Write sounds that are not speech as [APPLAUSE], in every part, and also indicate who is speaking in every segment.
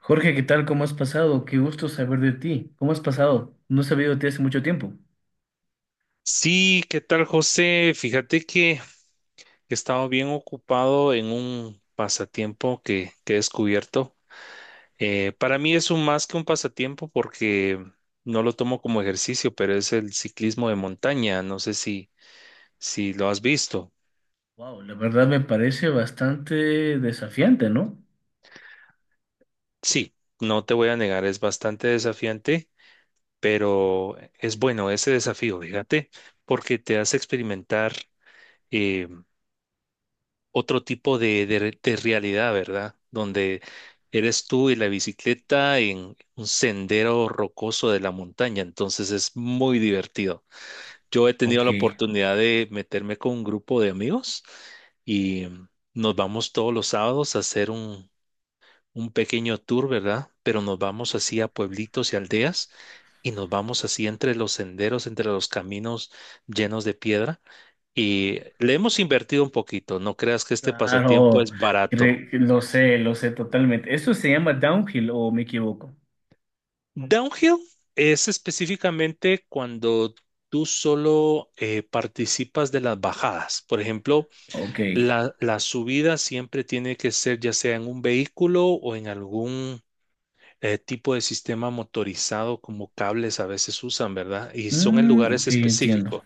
Speaker 1: Jorge, ¿qué tal? ¿Cómo has pasado? Qué gusto saber de ti. ¿Cómo has pasado? No he sabido de ti hace mucho tiempo.
Speaker 2: Sí, ¿qué tal, José? Fíjate que he estado bien ocupado en un pasatiempo que he descubierto. Para mí es un más que un pasatiempo porque no lo tomo como ejercicio, pero es el ciclismo de montaña. No sé si lo has visto.
Speaker 1: Wow, la verdad me parece bastante desafiante, ¿no?
Speaker 2: Sí, no te voy a negar, es bastante desafiante, pero es bueno ese desafío, fíjate, porque te hace experimentar eh, otro tipo de realidad, ¿verdad? Donde eres tú y la bicicleta en un sendero rocoso de la montaña, entonces es muy divertido. Yo he tenido
Speaker 1: Ok.
Speaker 2: la oportunidad de meterme con un grupo de amigos y nos vamos todos los sábados a hacer un pequeño tour, ¿verdad? Pero nos vamos así a pueblitos y aldeas y nos vamos así entre los senderos, entre los caminos llenos de piedra y le hemos invertido un poquito. No creas que este pasatiempo
Speaker 1: Claro,
Speaker 2: es barato.
Speaker 1: lo sé totalmente. ¿Eso se llama downhill o me equivoco?
Speaker 2: Downhill es específicamente cuando tú solo participas de las bajadas. Por ejemplo,
Speaker 1: Ok.
Speaker 2: la subida siempre tiene que ser ya sea en un vehículo o en algún tipo de sistema motorizado como cables a veces usan, ¿verdad? Y son en
Speaker 1: Mm, ok,
Speaker 2: lugares
Speaker 1: entiendo.
Speaker 2: específicos.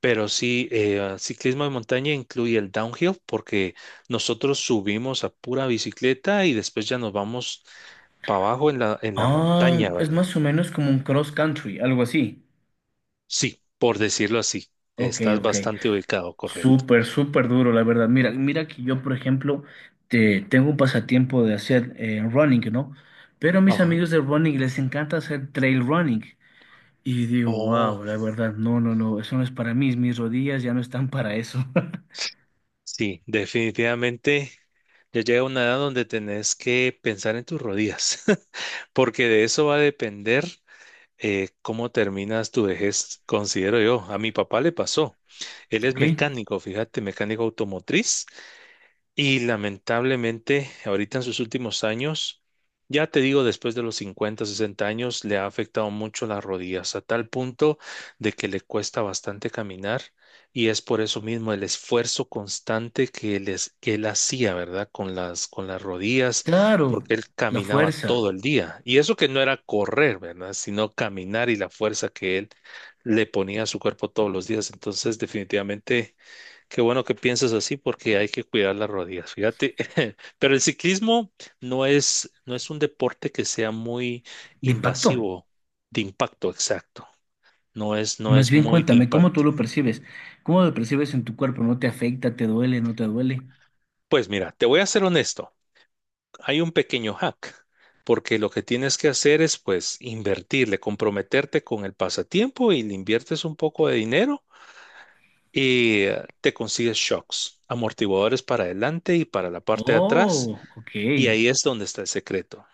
Speaker 2: Pero sí, ciclismo de montaña incluye el downhill porque nosotros subimos a pura bicicleta y después ya nos vamos para abajo en la
Speaker 1: Ah,
Speaker 2: montaña,
Speaker 1: es
Speaker 2: ¿verdad?
Speaker 1: más o menos como un cross country, algo así.
Speaker 2: Sí, por decirlo así,
Speaker 1: Ok,
Speaker 2: estás
Speaker 1: ok.
Speaker 2: bastante ubicado, correcto.
Speaker 1: Súper, súper duro, la verdad. Mira, mira que yo, por ejemplo, tengo un pasatiempo de hacer running, ¿no? Pero a mis
Speaker 2: Ajá.
Speaker 1: amigos de running les encanta hacer trail running. Y digo,
Speaker 2: Oh,
Speaker 1: wow, la verdad, no, no, no, eso no es para mí, mis rodillas ya no están para eso. [LAUGHS]
Speaker 2: sí, definitivamente ya llega una edad donde tenés que pensar en tus rodillas, [LAUGHS] porque de eso va a depender cómo terminas tu vejez, considero yo. A mi papá le pasó. Él es
Speaker 1: ¿Ok?
Speaker 2: mecánico, fíjate, mecánico automotriz. Y lamentablemente, ahorita en sus últimos años, ya te digo, después de los 50 60 años, le ha afectado mucho las rodillas, a tal punto de que le cuesta bastante caminar y es por eso mismo el esfuerzo constante que que él hacía, ¿verdad? Con las rodillas,
Speaker 1: Claro,
Speaker 2: porque él
Speaker 1: la
Speaker 2: caminaba
Speaker 1: fuerza
Speaker 2: todo el día. Y eso que no era correr, ¿verdad? Sino caminar y la fuerza que él le ponía a su cuerpo todos los días. Entonces, definitivamente qué bueno que piensas así porque hay que cuidar las rodillas, fíjate. [LAUGHS] Pero el ciclismo no es, no es un deporte que sea muy
Speaker 1: de impacto.
Speaker 2: invasivo, de impacto, exacto. No es, no
Speaker 1: Más
Speaker 2: es
Speaker 1: bien
Speaker 2: muy de
Speaker 1: cuéntame, ¿cómo tú
Speaker 2: impacto.
Speaker 1: lo percibes? ¿Cómo lo percibes en tu cuerpo? ¿No te afecta? ¿Te duele? ¿No te duele?
Speaker 2: Pues mira, te voy a ser honesto. Hay un pequeño hack, porque lo que tienes que hacer es pues invertirle, comprometerte con el pasatiempo y le inviertes un poco de dinero y te consigues shocks, amortiguadores para adelante y para la parte de atrás.
Speaker 1: Oh, ok.
Speaker 2: Y ahí es donde está el secreto.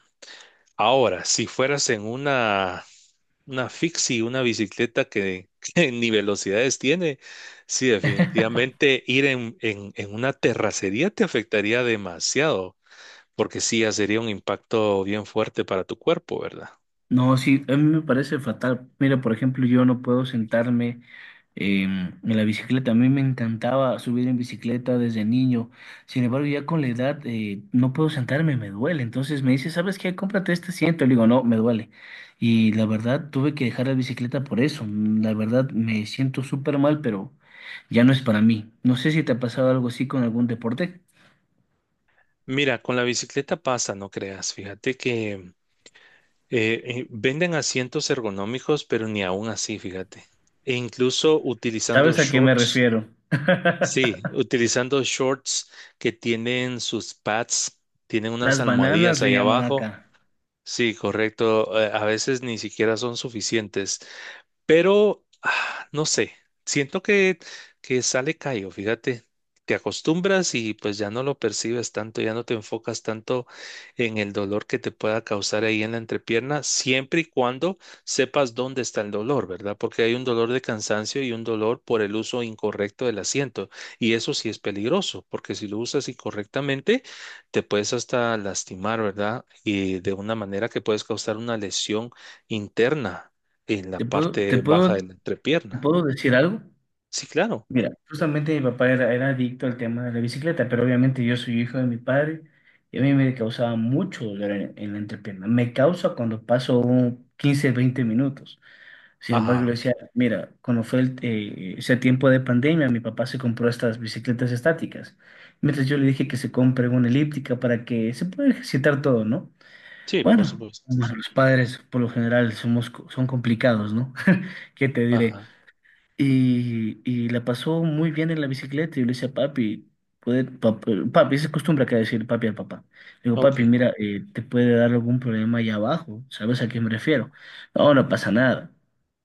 Speaker 2: Ahora, si fueras en una fixie, una bicicleta [LAUGHS] que ni velocidades tiene, sí, definitivamente ir en una terracería te afectaría demasiado, porque sí, ya sería un impacto bien fuerte para tu cuerpo, ¿verdad?
Speaker 1: No, sí, a mí me parece fatal. Mira, por ejemplo, yo no puedo sentarme em, en la bicicleta. A mí me encantaba subir en bicicleta desde niño. Sin embargo, ya con la edad no puedo sentarme, me duele. Entonces me dice, ¿sabes qué? Cómprate este asiento. Le digo, no, me duele. Y la verdad, tuve que dejar la bicicleta por eso. Mm, la verdad, me siento súper mal, pero ya no es para mí. No sé si te ha pasado algo así con algún deporte.
Speaker 2: Mira, con la bicicleta pasa, no creas, fíjate que venden asientos ergonómicos, pero ni aún así, fíjate. E incluso utilizando
Speaker 1: ¿Sabes a qué me
Speaker 2: shorts.
Speaker 1: refiero? [LAUGHS]
Speaker 2: Sí, utilizando shorts que tienen sus pads, tienen unas
Speaker 1: Las
Speaker 2: almohadillas
Speaker 1: bananas le
Speaker 2: ahí
Speaker 1: llaman
Speaker 2: abajo.
Speaker 1: acá.
Speaker 2: Sí, correcto. A veces ni siquiera son suficientes. Pero, no sé, siento que sale callo, fíjate, te acostumbras y pues ya no lo percibes tanto, ya no te enfocas tanto en el dolor que te pueda causar ahí en la entrepierna, siempre y cuando sepas dónde está el dolor, ¿verdad? Porque hay un dolor de cansancio y un dolor por el uso incorrecto del asiento, y eso sí es peligroso, porque si lo usas incorrectamente, te puedes hasta lastimar, ¿verdad? Y de una manera que puedes causar una lesión interna en la
Speaker 1: Te
Speaker 2: parte baja de
Speaker 1: puedo
Speaker 2: la entrepierna.
Speaker 1: ¿Puedo decir algo?
Speaker 2: Sí, claro.
Speaker 1: Mira, justamente mi papá era adicto al tema de la bicicleta, pero obviamente yo soy hijo de mi padre y a mí me causaba mucho dolor en la entrepierna. Me causa cuando paso un 15, 20 minutos. Sin embargo, le
Speaker 2: Ajá.
Speaker 1: decía, mira, cuando fue ese tiempo de pandemia, mi papá se compró estas bicicletas estáticas. Mientras yo le dije que se compre una elíptica para que se pueda ejercitar todo, ¿no?
Speaker 2: Sí, por
Speaker 1: Bueno,
Speaker 2: supuesto.
Speaker 1: bueno, los padres por lo general son complicados, ¿no? [LAUGHS] ¿Qué te diré?
Speaker 2: Ajá.
Speaker 1: Y la pasó muy bien en la bicicleta. Y yo le decía, papi, papi, esa es costumbre acá a decir papi al papá. Le digo,
Speaker 2: Ok.
Speaker 1: papi, mira, te puede dar algún problema allá abajo, ¿sabes a qué me refiero? No, no pasa nada.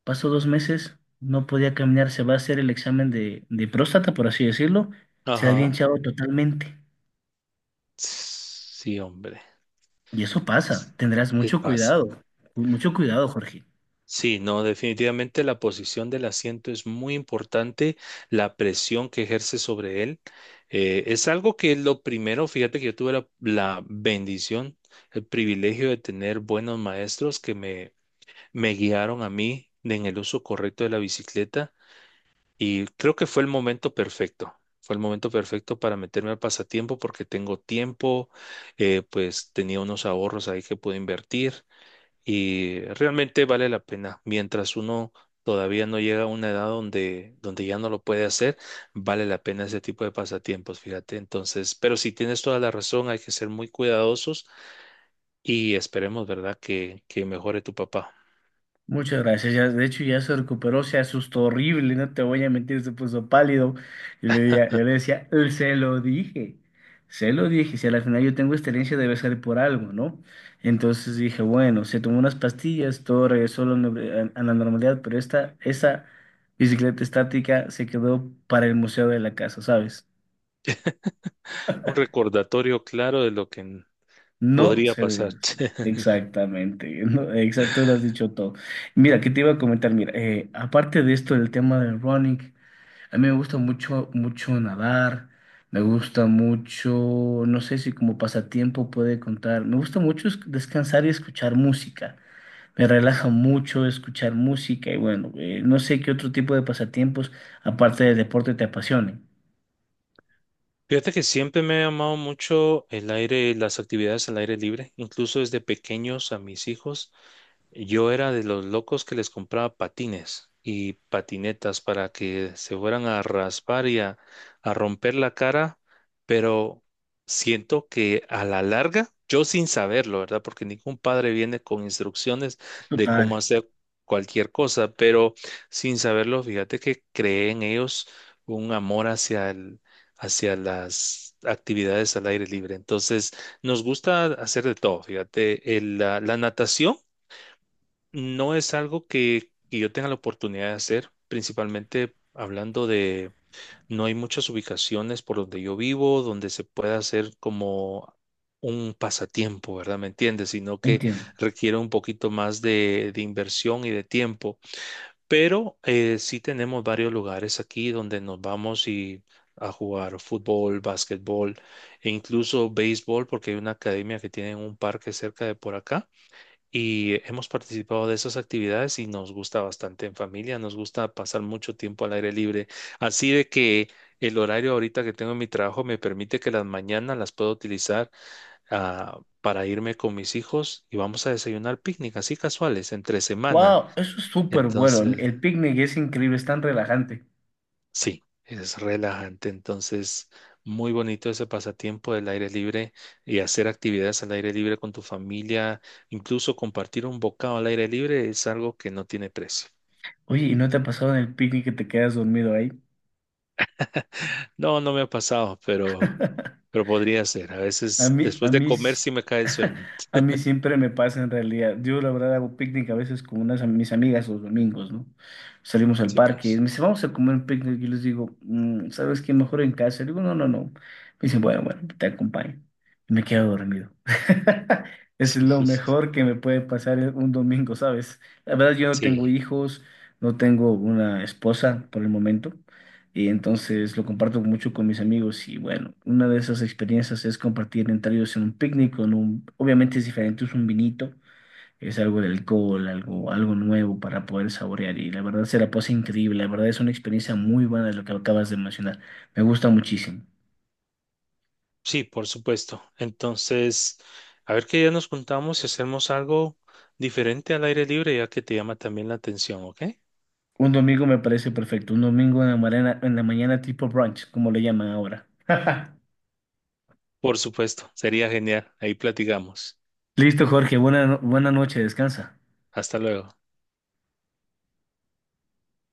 Speaker 1: Pasó dos meses, no podía caminar, se va a hacer el examen de próstata, por así decirlo, se había
Speaker 2: Ajá.
Speaker 1: hinchado totalmente.
Speaker 2: Sí, hombre.
Speaker 1: Y eso pasa,
Speaker 2: Es,
Speaker 1: tendrás
Speaker 2: Pasa.
Speaker 1: mucho cuidado, Jorge.
Speaker 2: Sí, no, definitivamente la posición del asiento es muy importante, la presión que ejerce sobre él. Es algo que lo primero, fíjate que yo tuve la bendición, el privilegio de tener buenos maestros que me guiaron a mí en el uso correcto de la bicicleta. Y creo que fue el momento perfecto. Fue el momento perfecto para meterme al pasatiempo porque tengo tiempo, pues tenía unos ahorros ahí que pude invertir y realmente vale la pena. Mientras uno todavía no llega a una edad donde ya no lo puede hacer, vale la pena ese tipo de pasatiempos, fíjate. Entonces, pero si tienes toda la razón, hay que ser muy cuidadosos y esperemos, ¿verdad?, que mejore tu papá.
Speaker 1: Muchas gracias. Ya, de hecho, ya se recuperó, se asustó horrible, no te voy a mentir, se puso pálido. Y yo le decía: se lo dije, si al final yo tengo excelencia debe ser por algo, ¿no?" Entonces dije, bueno, se tomó unas pastillas, todo regresó a la, a la normalidad, pero esa bicicleta estática se quedó para el museo de la casa, ¿sabes?
Speaker 2: Un recordatorio claro de lo que
Speaker 1: No
Speaker 2: podría
Speaker 1: se debe
Speaker 2: pasar.
Speaker 1: hacer.
Speaker 2: [LAUGHS]
Speaker 1: Exactamente, [LAUGHS] ¿no? Exacto, lo has dicho todo. Mira, ¿qué te iba a comentar? Mira, aparte de esto, el tema del running. A mí me gusta mucho, mucho nadar, me gusta mucho, no sé si como pasatiempo puede contar, me gusta mucho descansar y escuchar música, me relaja mucho escuchar música y bueno, no sé qué otro tipo de pasatiempos aparte del deporte te apasionen.
Speaker 2: Fíjate que siempre me ha llamado mucho el aire, las actividades al aire libre, incluso desde pequeños a mis hijos. Yo era de los locos que les compraba patines y patinetas para que se fueran a raspar y a romper la cara, pero siento que a la larga, yo sin saberlo, ¿verdad? Porque ningún padre viene con instrucciones de
Speaker 1: Total,
Speaker 2: cómo hacer cualquier cosa, pero sin saberlo, fíjate que creé en ellos un amor hacia las actividades al aire libre. Entonces, nos gusta hacer de todo, fíjate, la natación. No es algo que yo tenga la oportunidad de hacer, principalmente hablando de, no hay muchas ubicaciones por donde yo vivo donde se pueda hacer como un pasatiempo, ¿verdad? ¿Me entiendes? Sino que
Speaker 1: entiendo.
Speaker 2: requiere un poquito más de inversión y de tiempo. Pero sí tenemos varios lugares aquí donde nos vamos y a jugar fútbol, básquetbol e incluso béisbol, porque hay una academia que tiene un parque cerca de por acá y hemos participado de esas actividades y nos gusta bastante en familia, nos gusta pasar mucho tiempo al aire libre. Así de que el horario ahorita que tengo en mi trabajo me permite que las mañanas las puedo utilizar para irme con mis hijos y vamos a desayunar picnic, así casuales, entre semana.
Speaker 1: Wow, eso es súper bueno,
Speaker 2: Entonces,
Speaker 1: el picnic es increíble, es tan relajante.
Speaker 2: sí, es relajante. Entonces, muy bonito ese pasatiempo del aire libre y hacer actividades al aire libre con tu familia, incluso compartir un bocado al aire libre es algo que no tiene precio.
Speaker 1: Oye, ¿y no te ha pasado en el picnic que te quedas dormido ahí?
Speaker 2: No, no me ha pasado,
Speaker 1: [LAUGHS]
Speaker 2: pero podría ser. A
Speaker 1: A
Speaker 2: veces
Speaker 1: mí, a
Speaker 2: después de
Speaker 1: mí,
Speaker 2: comer
Speaker 1: s-
Speaker 2: sí me cae el
Speaker 1: [LAUGHS]
Speaker 2: sueño.
Speaker 1: a mí siempre me pasa en realidad. Yo la verdad hago picnic a veces con mis amigas los domingos, ¿no? Salimos al
Speaker 2: Sí,
Speaker 1: parque y me
Speaker 2: pues.
Speaker 1: dicen, vamos a comer un picnic. Y les digo: "Mm, ¿sabes qué? Mejor en casa". Digo, no, no, no. Me dicen, bueno, bueno, te acompaño. Y me quedo dormido. [LAUGHS] Es
Speaker 2: Sí,
Speaker 1: lo
Speaker 2: sí, sí.
Speaker 1: mejor que me puede pasar en un domingo, ¿sabes? La verdad, yo no tengo
Speaker 2: Sí,
Speaker 1: hijos, no tengo una esposa por el momento. Y entonces lo comparto mucho con mis amigos y bueno, una de esas experiencias es compartir entre ellos en un picnic con un, obviamente es diferente, es un vinito, es algo de alcohol, algo, algo nuevo para poder saborear y la verdad se la pasa increíble, la verdad es una experiencia muy buena lo que acabas de mencionar, me gusta muchísimo.
Speaker 2: sí, por supuesto. Entonces, a ver qué día nos juntamos y hacemos algo diferente al aire libre, ya que te llama también la atención, ¿ok?
Speaker 1: Un domingo me parece perfecto, un domingo en la mañana tipo brunch, como le llaman ahora. [LAUGHS]
Speaker 2: Por supuesto, sería genial. Ahí platicamos.
Speaker 1: Listo, Jorge, buena, no- buena noche, descansa.
Speaker 2: Hasta luego.